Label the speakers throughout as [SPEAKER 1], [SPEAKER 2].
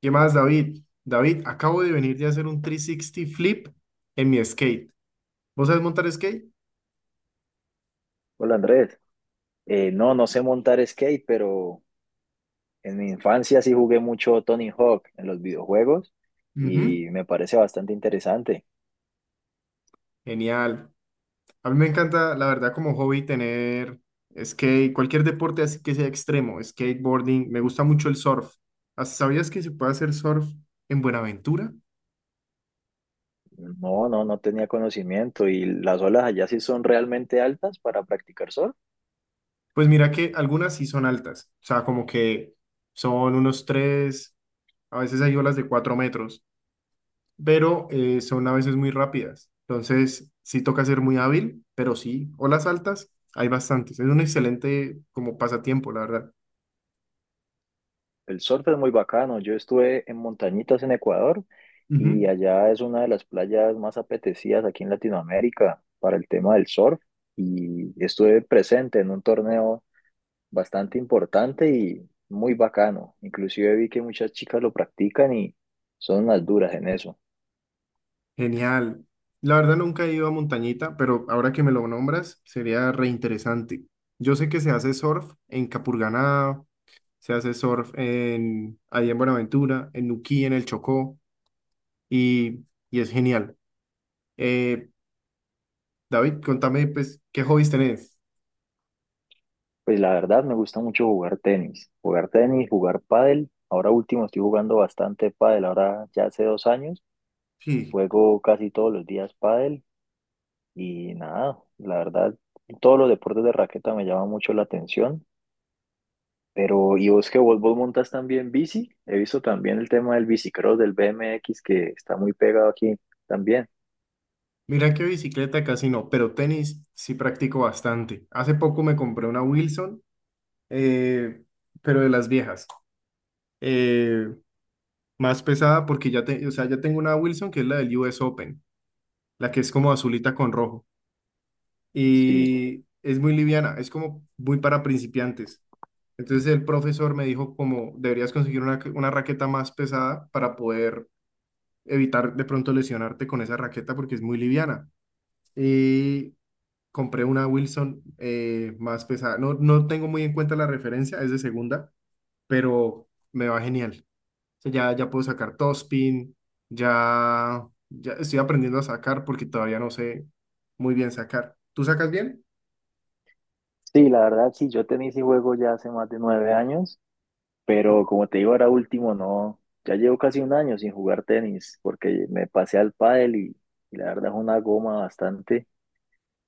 [SPEAKER 1] ¿Qué más, David? David, acabo de venir de hacer un 360 flip en mi skate. ¿Vos sabés montar skate?
[SPEAKER 2] Hola Andrés, no, no sé montar skate, pero en mi infancia sí jugué mucho Tony Hawk en los videojuegos
[SPEAKER 1] Ujú.
[SPEAKER 2] y me parece bastante interesante.
[SPEAKER 1] Genial. A mí me encanta, la verdad, como hobby tener skate, cualquier deporte así que sea extremo, skateboarding. Me gusta mucho el surf. ¿Sabías que se puede hacer surf en Buenaventura?
[SPEAKER 2] No, no, no tenía conocimiento y las olas allá sí son realmente altas para practicar surf.
[SPEAKER 1] Pues mira que algunas sí son altas, o sea, como que son unos tres, a veces hay olas de cuatro metros, pero son a veces muy rápidas. Entonces, sí toca ser muy hábil, pero sí, olas altas, hay bastantes. Es un excelente como pasatiempo, la verdad.
[SPEAKER 2] El surf es muy bacano. Yo estuve en Montañitas en Ecuador y
[SPEAKER 1] Ujú.
[SPEAKER 2] allá es una de las playas más apetecidas aquí en Latinoamérica para el tema del surf y estuve presente en un torneo bastante importante y muy bacano. Inclusive vi que muchas chicas lo practican y son las duras en eso.
[SPEAKER 1] Genial. La verdad nunca he ido a montañita, pero ahora que me lo nombras, sería reinteresante. Yo sé que se hace surf en Capurganá, se hace surf en, allá en Buenaventura, en Nuquí, en el Chocó, y, y es genial. Eh, David, contame, pues, ¿qué hobbies tenés?
[SPEAKER 2] Pues la verdad me gusta mucho jugar tenis, jugar pádel. Ahora último estoy jugando bastante pádel, ahora ya hace 2 años
[SPEAKER 1] Sí.
[SPEAKER 2] juego casi todos los días pádel y nada, la verdad todos los deportes de raqueta me llaman mucho la atención. Pero, ¿y vos montas también bici? He visto también el tema del bicicross, del BMX que está muy pegado aquí también.
[SPEAKER 1] Mira que bicicleta casi no, pero tenis sí practico bastante. Hace poco me compré una Wilson, eh, pero de las viejas. eh, más pesada porque o sea, ya tengo una Wilson que es la del US Open, la que es como azulita con rojo.
[SPEAKER 2] Sí.
[SPEAKER 1] Y es muy liviana, es como muy para principiantes. Entonces el profesor me dijo como deberías conseguir una raqueta más pesada para poder evitar de pronto lesionarte con esa raqueta porque es muy liviana. Y compré una Wilson más pesada. No, no tengo muy en cuenta la referencia, es de segunda, pero me va genial. O sea, ya puedo sacar topspin, ya estoy aprendiendo a sacar porque todavía no sé muy bien sacar. ¿Tú sacas bien?
[SPEAKER 2] Sí, la verdad, sí, yo tenis y juego ya hace más de 9 años, pero como te digo, ahora último no, ya llevo casi un año sin jugar tenis, porque me pasé al pádel y la verdad es una goma bastante,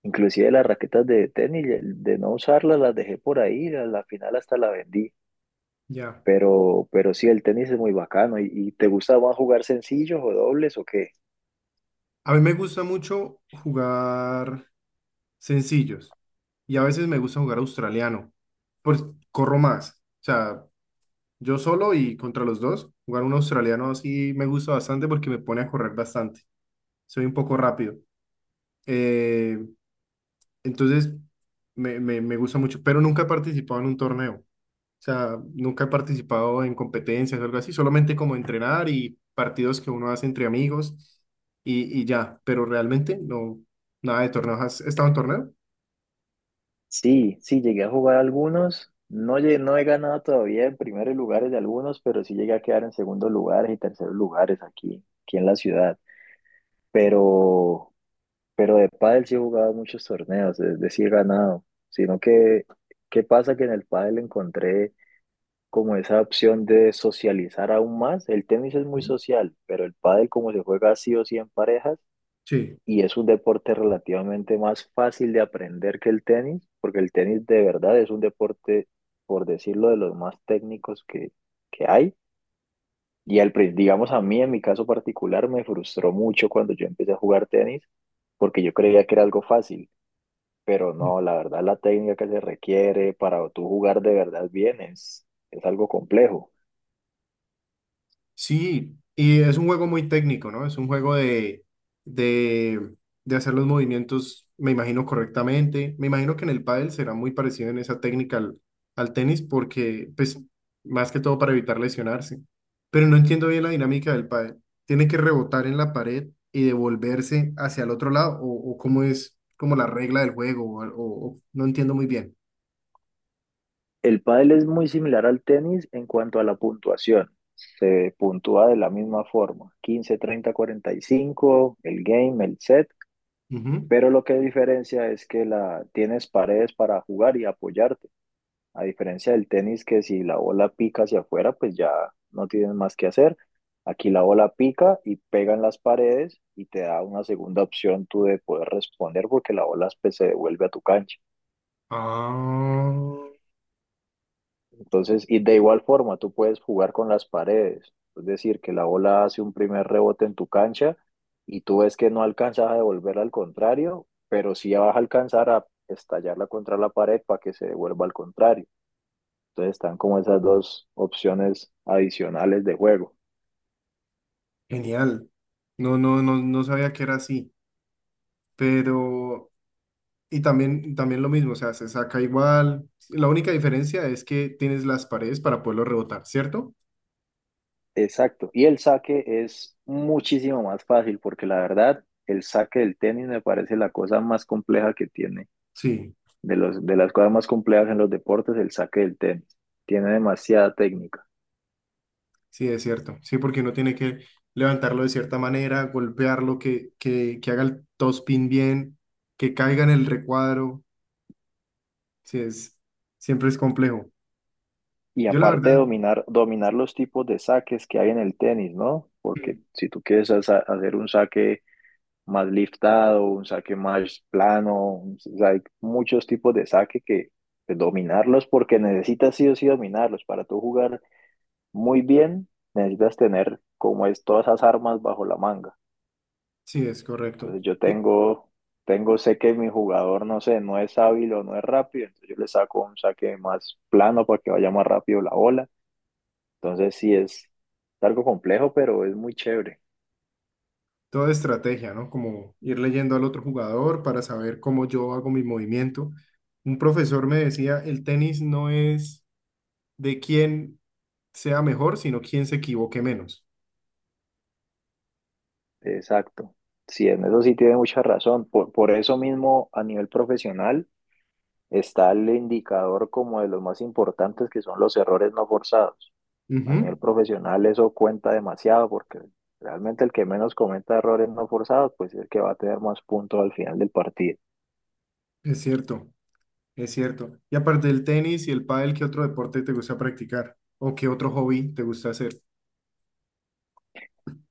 [SPEAKER 2] inclusive las raquetas de tenis, de no usarlas las dejé por ahí, a la final hasta la vendí,
[SPEAKER 1] Ya.
[SPEAKER 2] pero, sí, el tenis es muy bacano, ¿y, te gusta más jugar sencillos o dobles o qué?
[SPEAKER 1] A mí me gusta mucho jugar sencillos y a veces me gusta jugar australiano, pues corro más. O sea, yo solo y contra los dos, jugar un australiano así me gusta bastante porque me pone a correr bastante. Soy un poco rápido. Eh, entonces, me gusta mucho, pero nunca he participado en un torneo. O sea, nunca he participado en competencias o algo así, solamente como entrenar y partidos que uno hace entre amigos y ya, pero realmente no, nada de torneos. ¿Has estado en torneo?
[SPEAKER 2] Sí, sí, llegué a jugar algunos. No, no he ganado todavía en primeros lugares de algunos, pero sí llegué a quedar en segundos lugares y terceros lugares aquí, en la ciudad. Pero, de pádel sí he jugado muchos torneos, es decir, he ganado. Sino que, ¿qué pasa? Que en el pádel encontré como esa opción de socializar aún más. El tenis es muy social, pero el pádel como se juega sí o sí en parejas,
[SPEAKER 1] Sí.
[SPEAKER 2] y es un deporte relativamente más fácil de aprender que el tenis, porque el tenis de verdad es un deporte, por decirlo, de los más técnicos que hay. Y digamos a mí, en mi caso particular, me frustró mucho cuando yo empecé a jugar tenis, porque yo creía que era algo fácil, pero no, la verdad la técnica que se requiere para tú jugar de verdad bien es algo complejo.
[SPEAKER 1] Sí, y es un juego muy técnico, ¿no? Es un juego de, de hacer los movimientos, me imagino, correctamente. Me imagino que en el pádel será muy parecido en esa técnica al, al tenis, porque, pues, más que todo para evitar lesionarse. Pero no entiendo bien la dinámica del pádel. ¿Tiene que rebotar en la pared y devolverse hacia el otro lado? O cómo es como la regla del juego? No entiendo muy bien.
[SPEAKER 2] El pádel es muy similar al tenis en cuanto a la puntuación. Se puntúa de la misma forma, 15, 30, 45, el game, el set,
[SPEAKER 1] Ujú.
[SPEAKER 2] pero lo que diferencia es que tienes paredes para jugar y apoyarte, a diferencia del tenis que si la bola pica hacia afuera, pues ya no tienes más que hacer. Aquí la bola pica y pega en las paredes y te da una segunda opción tú de poder responder porque la bola pues, se devuelve a tu cancha.
[SPEAKER 1] Ah,
[SPEAKER 2] Entonces, y de igual forma, tú puedes jugar con las paredes. Es decir, que la bola hace un primer rebote en tu cancha y tú ves que no alcanzas a devolverla al contrario, pero sí vas a alcanzar a estallarla contra la pared para que se devuelva al contrario. Entonces están como esas dos opciones adicionales de juego.
[SPEAKER 1] genial. No sabía que era así. Pero, y también, también lo mismo, o sea, se saca igual. La única diferencia es que tienes las paredes para poderlo rebotar, ¿cierto?
[SPEAKER 2] Exacto. Y el saque es muchísimo más fácil porque la verdad, el saque del tenis me parece la cosa más compleja que tiene.
[SPEAKER 1] Sí,
[SPEAKER 2] De de las cosas más complejas en los deportes, el saque del tenis. Tiene demasiada técnica.
[SPEAKER 1] sí, es cierto. Sí, porque uno tiene que levantarlo de cierta manera, golpearlo, que haga el topspin bien, que caiga en el recuadro. Sí, es, siempre es complejo.
[SPEAKER 2] Y
[SPEAKER 1] Yo la verdad,
[SPEAKER 2] aparte de dominar, los tipos de saques que hay en el tenis, ¿no? Porque si tú quieres hacer un saque más liftado, un saque más plano, o sea, hay muchos tipos de saque que pues, dominarlos porque necesitas sí o sí dominarlos. Para tú jugar muy bien, necesitas tener como es todas esas armas bajo la manga.
[SPEAKER 1] sí, es correcto.
[SPEAKER 2] Entonces yo sé que mi jugador, no sé, no es hábil o no es rápido, entonces yo le saco un saque más plano para que vaya más rápido la bola. Entonces sí es algo complejo, pero es muy chévere.
[SPEAKER 1] Toda estrategia, ¿no? Como ir leyendo al otro jugador para saber cómo yo hago mi movimiento. Un profesor me decía, el tenis no es de quién sea mejor, sino quién se equivoque menos.
[SPEAKER 2] Exacto. Sí, en eso sí tiene mucha razón. Por eso mismo, a nivel profesional, está el indicador como de los más importantes que son los errores no forzados. A nivel
[SPEAKER 1] Ujú.
[SPEAKER 2] profesional eso cuenta demasiado porque realmente el que menos cometa errores no forzados pues es el que va a tener más puntos al final del partido.
[SPEAKER 1] Es cierto, es cierto. Y aparte del tenis y el pádel, ¿qué otro deporte te gusta practicar? ¿O qué otro hobby te gusta hacer?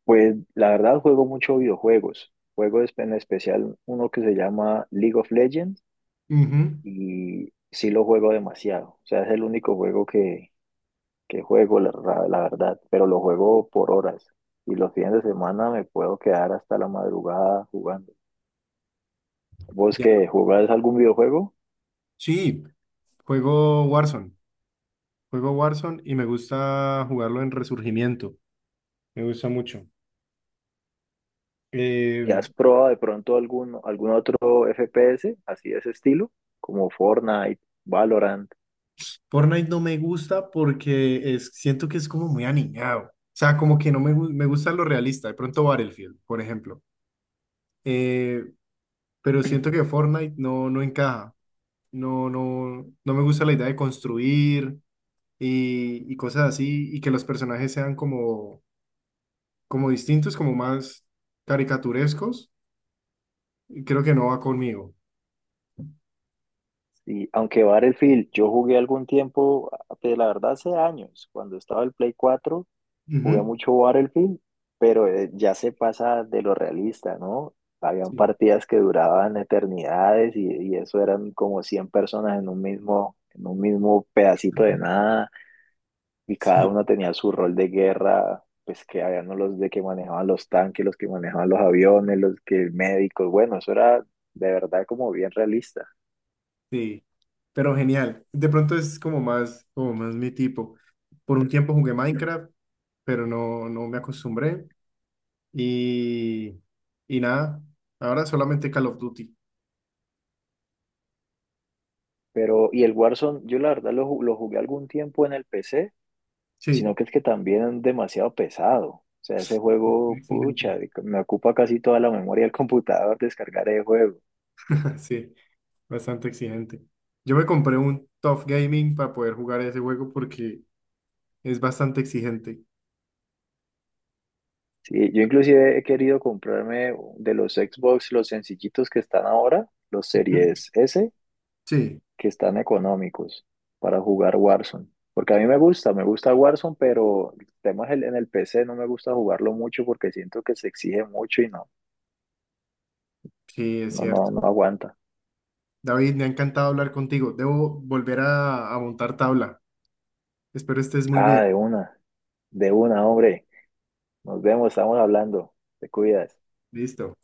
[SPEAKER 2] Pues la verdad juego mucho videojuegos. Juego espe en especial uno que se llama League of Legends
[SPEAKER 1] Ujú.
[SPEAKER 2] y sí lo juego demasiado. O sea, es el único juego que juego, la verdad, pero lo juego por horas y los fines de semana me puedo quedar hasta la madrugada jugando. ¿Vos
[SPEAKER 1] Ya.
[SPEAKER 2] que jugás algún videojuego
[SPEAKER 1] Sí, juego Warzone. Juego Warzone y me gusta jugarlo en Resurgimiento. Me gusta mucho. Eh,
[SPEAKER 2] y has probado de pronto algún otro FPS así de ese estilo, como Fortnite, Valorant?
[SPEAKER 1] Fortnite no me gusta porque es, siento que es como muy aniñado. O sea, como que no me, me gusta lo realista. De pronto Battlefield, por ejemplo. Eh, pero siento que Fortnite no, no encaja. No me gusta la idea de construir y cosas así. Y que los personajes sean como, como distintos, como más caricaturescos. Y creo que no va conmigo.
[SPEAKER 2] Y aunque Battlefield, yo jugué algún tiempo, pues, la verdad hace años, cuando estaba el Play 4 jugué
[SPEAKER 1] Ujú.
[SPEAKER 2] mucho Battlefield, pero ya se pasa de lo realista, ¿no? Habían
[SPEAKER 1] Sí.
[SPEAKER 2] partidas que duraban eternidades y, eso eran como 100 personas en un mismo, pedacito de nada. Y cada
[SPEAKER 1] Sí.
[SPEAKER 2] uno tenía su rol de guerra, pues que habían los de que manejaban los tanques, los que manejaban los aviones, los que médicos, bueno, eso era de verdad como bien realista.
[SPEAKER 1] Sí, pero genial. De pronto es como más mi tipo. Por un tiempo jugué Minecraft, pero no, no me acostumbré. Y, y nada, ahora solamente Call of Duty.
[SPEAKER 2] Pero, y el Warzone, yo la verdad lo jugué algún tiempo en el PC, sino
[SPEAKER 1] Sí,
[SPEAKER 2] que es que también es demasiado pesado. O sea, ese
[SPEAKER 1] muy
[SPEAKER 2] juego,
[SPEAKER 1] exigente.
[SPEAKER 2] pucha, me ocupa casi toda la memoria del computador descargar el juego.
[SPEAKER 1] Sí, bastante exigente. Yo me compré un Tough Gaming para poder jugar ese juego porque es bastante exigente.
[SPEAKER 2] Sí, yo inclusive he querido comprarme de los Xbox los sencillitos que están ahora, los
[SPEAKER 1] Ujú.
[SPEAKER 2] Series S,
[SPEAKER 1] Sí,
[SPEAKER 2] que están económicos para jugar Warzone. Porque a mí me gusta, Warzone, pero el tema en el PC, no me gusta jugarlo mucho porque siento que se exige mucho y no,
[SPEAKER 1] sí, es cierto.
[SPEAKER 2] no aguanta.
[SPEAKER 1] David, me ha encantado hablar contigo. Debo volver a montar tabla. Espero estés muy
[SPEAKER 2] Ah,
[SPEAKER 1] bien.
[SPEAKER 2] de una, hombre. Nos vemos, estamos hablando. Te cuidas.
[SPEAKER 1] Listo.